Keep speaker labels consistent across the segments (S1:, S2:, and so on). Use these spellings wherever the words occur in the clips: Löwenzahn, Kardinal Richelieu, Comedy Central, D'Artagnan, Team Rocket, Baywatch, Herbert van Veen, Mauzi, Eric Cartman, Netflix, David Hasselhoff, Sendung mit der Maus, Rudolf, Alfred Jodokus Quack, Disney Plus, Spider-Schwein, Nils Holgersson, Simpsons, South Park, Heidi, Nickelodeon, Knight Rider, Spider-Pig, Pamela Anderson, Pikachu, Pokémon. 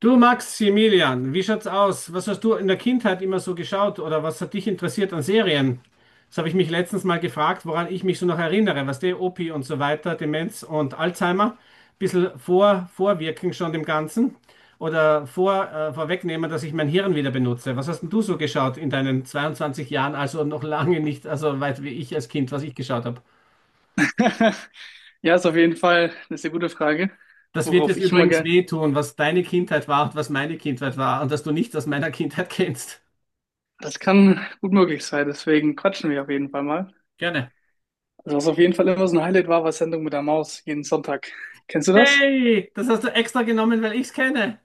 S1: Du Maximilian, wie schaut's aus? Was hast du in der Kindheit immer so geschaut oder was hat dich interessiert an Serien? Das habe ich mich letztens mal gefragt, woran ich mich so noch erinnere, was der Opi und so weiter, Demenz und Alzheimer, bisschen vorwirken schon dem Ganzen oder vorwegnehmen, dass ich mein Hirn wieder benutze. Was hast denn du so geschaut in deinen 22 Jahren, also noch lange nicht, also weit wie ich als Kind, was ich geschaut habe?
S2: Ja, ist auf jeden Fall eine sehr gute Frage,
S1: Das wird
S2: worauf
S1: jetzt
S2: ich immer
S1: übrigens
S2: gerne.
S1: wehtun, was deine Kindheit war und was meine Kindheit war und dass du nichts aus meiner Kindheit kennst.
S2: Das kann gut möglich sein, deswegen quatschen wir auf jeden Fall mal.
S1: Gerne.
S2: Also was auf jeden Fall immer so ein Highlight war, war Sendung mit der Maus jeden Sonntag. Kennst du das?
S1: Hey, das hast du extra genommen, weil ich's kenne.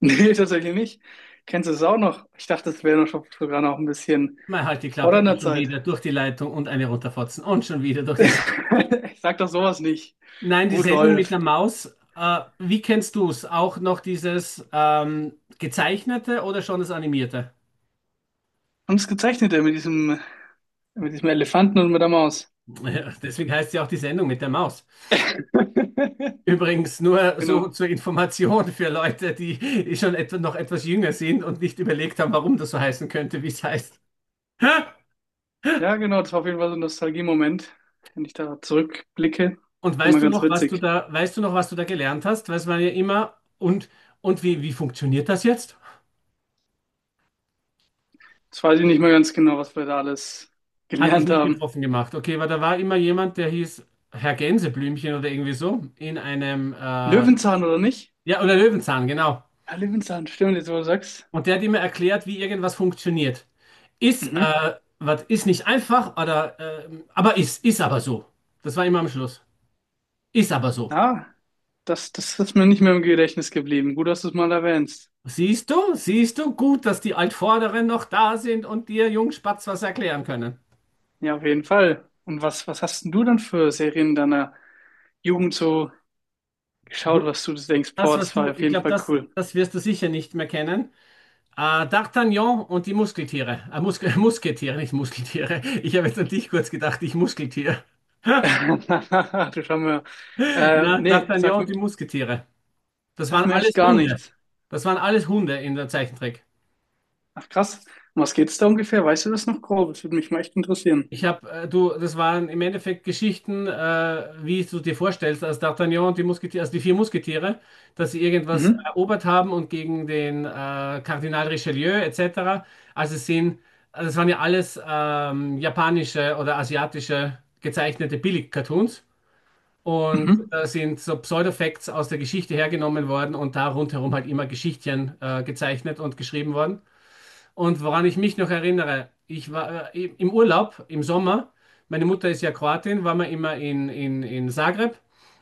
S2: Nee, tatsächlich nicht. Kennst du es auch noch? Ich dachte, das wäre noch sogar noch ein bisschen
S1: Mal halt die
S2: vor
S1: Klappe und
S2: deiner
S1: schon
S2: Zeit.
S1: wieder durch die Leitung und eine runterfotzen und schon wieder durch die Leitung.
S2: Ich sag doch sowas nicht.
S1: Nein, die Sendung mit
S2: Rudolf.
S1: der Maus, wie kennst du's? Auch noch dieses gezeichnete oder schon das animierte?
S2: Haben es gezeichnet, der mit diesem Elefanten und mit der Maus.
S1: Ja, deswegen heißt sie auch die Sendung mit der Maus. Übrigens nur
S2: Genau.
S1: so zur Information für Leute, die schon etwa noch etwas jünger sind und nicht überlegt haben, warum das so heißen könnte, wie es heißt.
S2: Ja, genau, das war auf jeden Fall so ein Nostalgie-Moment. Wenn ich da zurückblicke,
S1: Und
S2: ist immer
S1: weißt du
S2: ganz
S1: noch,
S2: witzig.
S1: was du da gelernt hast? Weiß man ja immer. Und wie funktioniert das jetzt?
S2: Jetzt weiß ich nicht mehr ganz genau, was wir da alles
S1: Hat dich
S2: gelernt
S1: nicht
S2: haben.
S1: betroffen gemacht. Okay, weil da war immer jemand, der hieß Herr Gänseblümchen oder irgendwie so, in einem, ja,
S2: Löwenzahn oder nicht?
S1: oder Löwenzahn, genau.
S2: Ja, Löwenzahn, stimmt, jetzt wo du sagst.
S1: Und der hat immer erklärt, wie irgendwas funktioniert. Ist,
S2: Mhm.
S1: was ist nicht einfach, oder, aber ist aber so. Das war immer am Schluss. Ist aber so.
S2: Ja, das ist mir nicht mehr im Gedächtnis geblieben. Gut, dass du es mal erwähnst.
S1: Siehst du, gut, dass die Altvorderen noch da sind und dir Jungspatz was erklären können.
S2: Ja, auf jeden Fall. Und was hast denn du dann für Serien deiner Jugend so geschaut, was du denkst, boah, das war auf
S1: Ich
S2: jeden
S1: glaube,
S2: Fall
S1: das,
S2: cool.
S1: das wirst du sicher nicht mehr kennen. D'Artagnan und die Muskeltiere. Musketiere, nicht Muskeltiere. Ich habe jetzt an dich kurz gedacht, ich Muskeltier.
S2: Du schau mir. Äh,
S1: Ja,
S2: nee, sag,
S1: D'Artagnan und die Musketiere. Das
S2: sag
S1: waren
S2: mir echt
S1: alles
S2: gar
S1: Hunde.
S2: nichts.
S1: Das waren alles Hunde in der Zeichentrick.
S2: Ach krass. Um was geht's da ungefähr? Weißt du das noch grob? Das würde mich mal echt interessieren.
S1: Ich habe, du, das waren im Endeffekt Geschichten, wie du dir vorstellst, als D'Artagnan und die Musketiere, also die vier Musketiere, dass sie irgendwas
S2: Mhm.
S1: erobert haben und gegen den Kardinal Richelieu etc. Also es sind, also es waren ja alles japanische oder asiatische gezeichnete Billig-Cartoons und
S2: Mhm.
S1: da sind so Pseudo-Facts aus der Geschichte hergenommen worden und da rundherum halt immer Geschichtchen gezeichnet und geschrieben worden. Und woran ich mich noch erinnere, ich war im Urlaub im Sommer, meine Mutter ist ja Kroatin, waren wir immer in Zagreb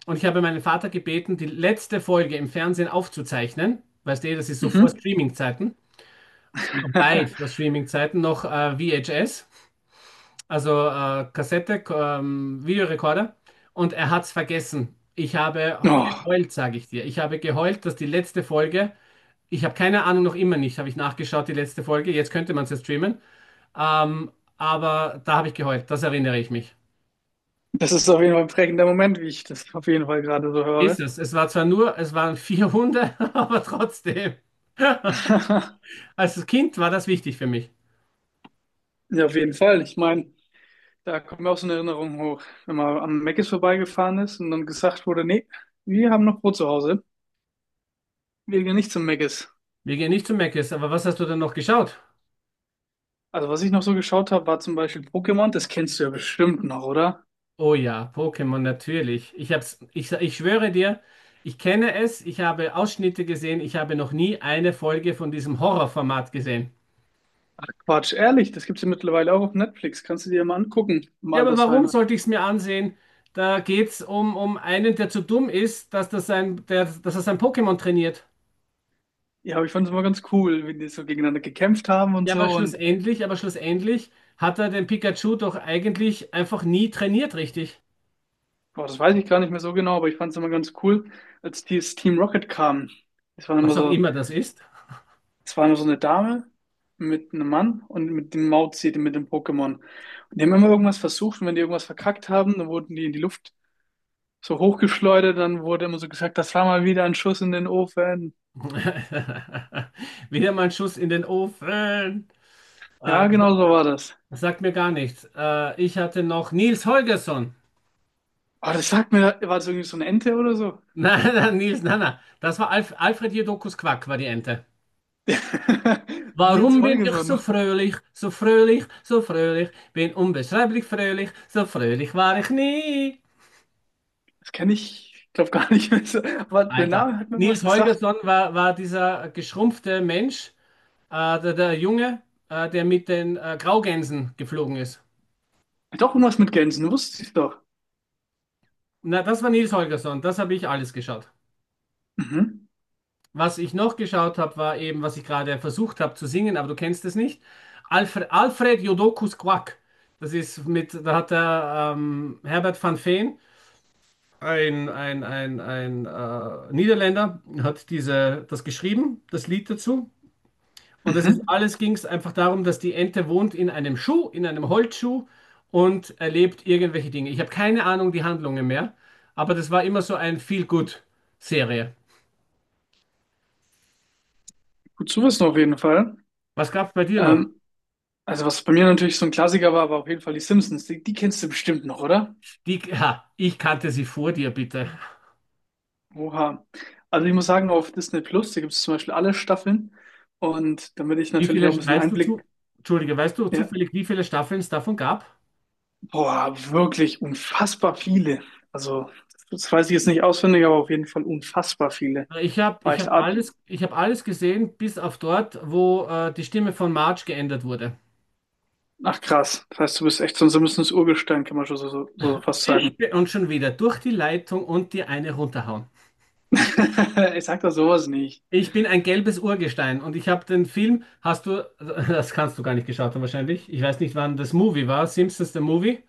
S1: und ich habe meinen Vater gebeten, die letzte Folge im Fernsehen aufzuzeichnen. Weißt du, das ist so vor
S2: Mhm.
S1: Streaming-Zeiten, weit vor Streaming-Zeiten, noch VHS, also Kassette, Videorekorder. Und er hat es vergessen. Ich habe
S2: Oh,
S1: geheult, sage ich dir. Ich habe geheult, dass die letzte Folge, ich habe keine Ahnung, noch immer nicht, habe ich nachgeschaut, die letzte Folge, jetzt könnte man es ja streamen. Ähm, aber da habe ich geheult, das erinnere ich mich.
S2: das ist auf jeden Fall ein prägender Moment, wie ich das auf jeden Fall gerade so
S1: Ist
S2: höre.
S1: es. Es war zwar nur, es waren vier Hunde, aber trotzdem. Als Kind war das wichtig für mich.
S2: Ja, auf jeden Fall. Ich meine, da kommt mir auch so eine Erinnerung hoch, wenn man am Mc's vorbeigefahren ist und dann gesagt wurde: nee, wir haben noch Brot zu Hause, wir gehen nicht zum Mc's.
S1: Wir gehen nicht zu Meckes, aber was hast du denn noch geschaut?
S2: Also was ich noch so geschaut habe, war zum Beispiel Pokémon, das kennst du ja bestimmt noch, oder?
S1: Oh ja, Pokémon natürlich. Ich schwöre dir, ich kenne es, ich habe Ausschnitte gesehen, ich habe noch nie eine Folge von diesem Horrorformat gesehen.
S2: Ach Quatsch, ehrlich, das gibt's ja mittlerweile auch auf Netflix, kannst du dir mal angucken im
S1: Ja, aber warum
S2: Altersheim.
S1: sollte ich es mir ansehen? Da geht's um einen, der zu dumm ist, dass er sein Pokémon trainiert.
S2: Ja, aber ich fand es immer ganz cool, wenn die so gegeneinander gekämpft haben und
S1: Ja, aber
S2: so. Und
S1: schlussendlich, aber schlussendlich hat er den Pikachu doch eigentlich einfach nie trainiert, richtig?
S2: boah, das weiß ich gar nicht mehr so genau, aber ich fand es immer ganz cool, als dieses Team Rocket kam. Es war
S1: Was
S2: immer
S1: auch
S2: so,
S1: immer das ist.
S2: Es war immer so eine Dame mit einem Mann und mit dem Mauzi, mit dem Pokémon. Und die haben immer irgendwas versucht, und wenn die irgendwas verkackt haben, dann wurden die in die Luft so hochgeschleudert, dann wurde immer so gesagt, das war mal wieder ein Schuss in den Ofen.
S1: Wieder mal ein Schuss in den Ofen.
S2: Ja,
S1: Äh,
S2: genau so war das.
S1: Das sagt mir gar nichts. Ich hatte noch Nils Holgersson.
S2: Aber das sagt mir, war das irgendwie so eine Ente oder so?
S1: Nein, nein, Nils, nein, nein. Das war Alfred Jodokus Quack, war die Ente.
S2: Nils
S1: Warum bin ich so
S2: Holgersson.
S1: fröhlich, so fröhlich, so fröhlich? Bin unbeschreiblich fröhlich, so fröhlich war ich nie.
S2: Das kenne ich, ich glaube, gar nicht mehr so. Aber der
S1: Alter.
S2: Name hat mir
S1: Nils
S2: was gesagt.
S1: Holgersson war, war dieser geschrumpfte Mensch, der Junge, der mit den Graugänsen geflogen ist.
S2: Hat auch irgendwas mit Gänsen, wusste ich doch.
S1: Na, das war Nils Holgersson, das habe ich alles geschaut.
S2: Mhm.
S1: Was ich noch geschaut habe, war eben, was ich gerade versucht habe zu singen, aber du kennst es nicht. Alfred, Alfred Jodokus Quack. Da hat der Herbert van Veen, ein Niederländer, hat das geschrieben, das Lied dazu. Und das ist
S2: Mhm.
S1: alles ging es einfach darum, dass die Ente wohnt in einem Schuh, in einem Holzschuh und erlebt irgendwelche Dinge. Ich habe keine Ahnung die Handlungen mehr, aber das war immer so ein Feel-Good-Serie.
S2: Gut zu wissen auf jeden Fall.
S1: Was gab es bei dir noch?
S2: Ähm, also was bei mir natürlich so ein Klassiker war, war auf jeden Fall die Simpsons. Die kennst du bestimmt noch, oder?
S1: Die, ha, ich kannte sie vor dir, bitte.
S2: Oha. Also ich muss sagen, auf Disney Plus, da gibt es zum Beispiel alle Staffeln. Und damit ich
S1: Wie
S2: natürlich
S1: viele,
S2: auch ein bisschen
S1: weißt du zu,
S2: Einblick,
S1: Entschuldige, weißt du
S2: ja,
S1: zufällig, wie viele Staffeln es davon gab?
S2: boah, wirklich unfassbar viele. Also das weiß ich jetzt nicht auswendig, aber auf jeden Fall unfassbar viele. War echt.
S1: Ich hab alles gesehen, bis auf dort, wo die Stimme von Marge geändert wurde.
S2: Ach krass, das heißt, du bist echt so ein simples Urgestein, kann man schon so fast sagen.
S1: Und schon wieder durch die Leitung und dir eine runterhauen.
S2: Ich sag doch sowas nicht.
S1: Ich bin ein gelbes Urgestein und ich habe den Film, das kannst du gar nicht geschaut haben wahrscheinlich. Ich weiß nicht, wann das Movie war, Simpsons the Movie,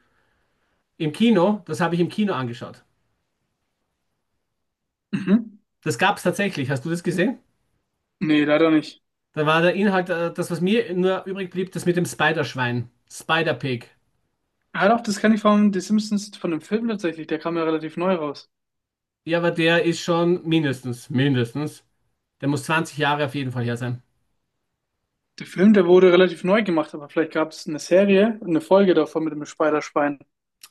S1: im Kino, das habe ich im Kino angeschaut.
S2: Mhm.
S1: Das gab es tatsächlich, hast du das gesehen?
S2: Nee, leider nicht.
S1: Da war der Inhalt, das, was mir nur übrig blieb, das mit dem Spiderschwein, Spider-Pig.
S2: Halt auf, das kenne ich von The Simpsons, von dem Film tatsächlich, der kam ja relativ neu raus.
S1: Ja, aber der ist schon mindestens, mindestens, der muss 20 Jahre auf jeden Fall her sein.
S2: Der Film, der wurde relativ neu gemacht, aber vielleicht gab es eine Serie, eine Folge davon mit dem Spider-Schwein.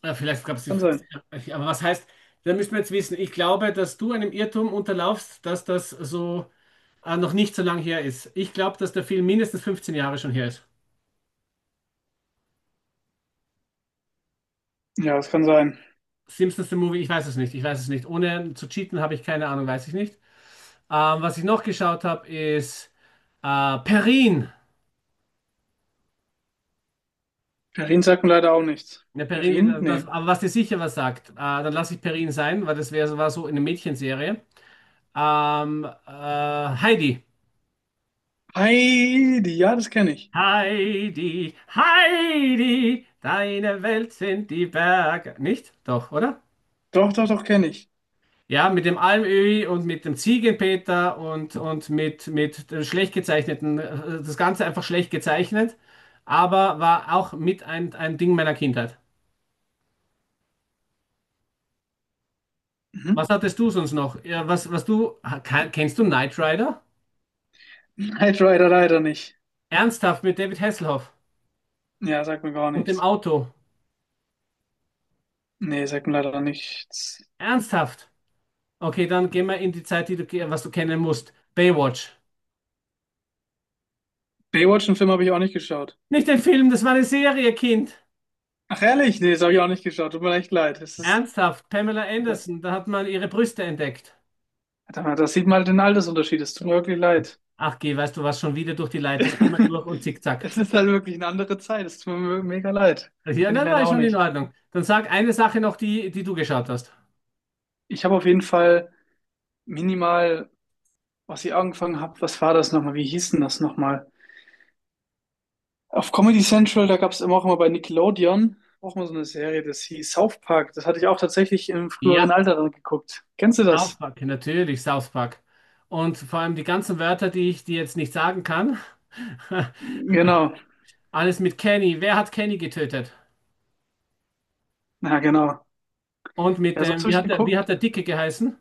S1: Ja, vielleicht gab es
S2: Das
S1: die,
S2: kann sein.
S1: 50, aber was heißt, da müssen wir jetzt wissen, ich glaube, dass du einem Irrtum unterlaufst, dass das so noch nicht so lange her ist. Ich glaube, dass der Film mindestens 15 Jahre schon her ist.
S2: Ja, das kann sein.
S1: Simpsons The Movie, ich weiß es nicht, ich weiß es nicht. Ohne zu cheaten habe ich keine Ahnung, weiß ich nicht. Was ich noch geschaut habe, ist Perrin.
S2: Perrin sagt mir leider auch nichts.
S1: Ja, Perrin,
S2: Perrin? Nee.
S1: aber was dir sicher was sagt, dann lasse ich Perrin sein, weil das war so eine Mädchenserie. Ähm, äh, Heidi.
S2: Heidi, ja, das kenne ich.
S1: Heidi, Heidi, deine Welt sind die Berge. Nicht? Doch, oder?
S2: Doch, doch, doch, kenne ich.
S1: Ja, mit dem Almöhi und mit dem Ziegenpeter und mit der schlecht gezeichneten, das Ganze einfach schlecht gezeichnet, aber war auch mit ein Ding meiner Kindheit. Was
S2: Mhm.
S1: hattest du sonst noch? Ja, was, was du, ha- ke- kennst du Knight Rider?
S2: Knight Rider leider nicht.
S1: Ernsthaft mit David Hasselhoff
S2: Ja, sagt mir gar
S1: und dem
S2: nichts.
S1: Auto.
S2: Nee, sagt mir leider nichts.
S1: Ernsthaft. Okay, dann gehen wir in die Zeit, was du kennen musst. Baywatch.
S2: Baywatch, einen Film habe ich auch nicht geschaut.
S1: Nicht den Film, das war eine Serie, Kind.
S2: Ach ehrlich? Nee, das habe ich auch nicht geschaut. Tut mir echt leid. Das ist,
S1: Ernsthaft, Pamela
S2: ja,
S1: Anderson, da hat man ihre Brüste entdeckt.
S2: verdammt, das sieht man halt den Altersunterschied. Es tut mir wirklich leid.
S1: Ach, geh, weißt du was, schon wieder durch die Leitung, einmal durch und zickzack.
S2: Es ist halt wirklich eine andere Zeit. Es tut mir mega leid.
S1: Ja,
S2: Kenne ich
S1: nein, nein,
S2: leider
S1: ist
S2: auch
S1: schon in
S2: nicht.
S1: Ordnung. Dann sag eine Sache noch, die du geschaut hast.
S2: Ich habe auf jeden Fall minimal, was ich angefangen habe, was war das nochmal? Wie hieß denn das nochmal? Auf Comedy Central, da gab es immer, auch immer bei Nickelodeon, auch mal so eine Serie, das hieß South Park. Das hatte ich auch tatsächlich im früheren
S1: Ja,
S2: Alter dann geguckt. Kennst du
S1: South
S2: das?
S1: Park, natürlich South Park. Und vor allem die ganzen Wörter, die ich dir jetzt nicht sagen kann.
S2: Genau.
S1: Alles mit Kenny. Wer hat Kenny getötet?
S2: Ja, genau.
S1: Und mit
S2: Ja, sonst
S1: dem,
S2: habe ich
S1: wie hat
S2: geguckt.
S1: der Dicke geheißen?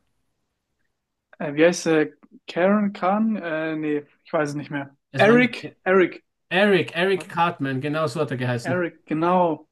S2: Wie heißt der? Karen Khan? Nee, ich weiß es nicht mehr.
S1: Es war nicht
S2: Eric, Eric.
S1: Eric, Eric
S2: Warte,
S1: Cartman, genau so hat er geheißen.
S2: Eric, genau.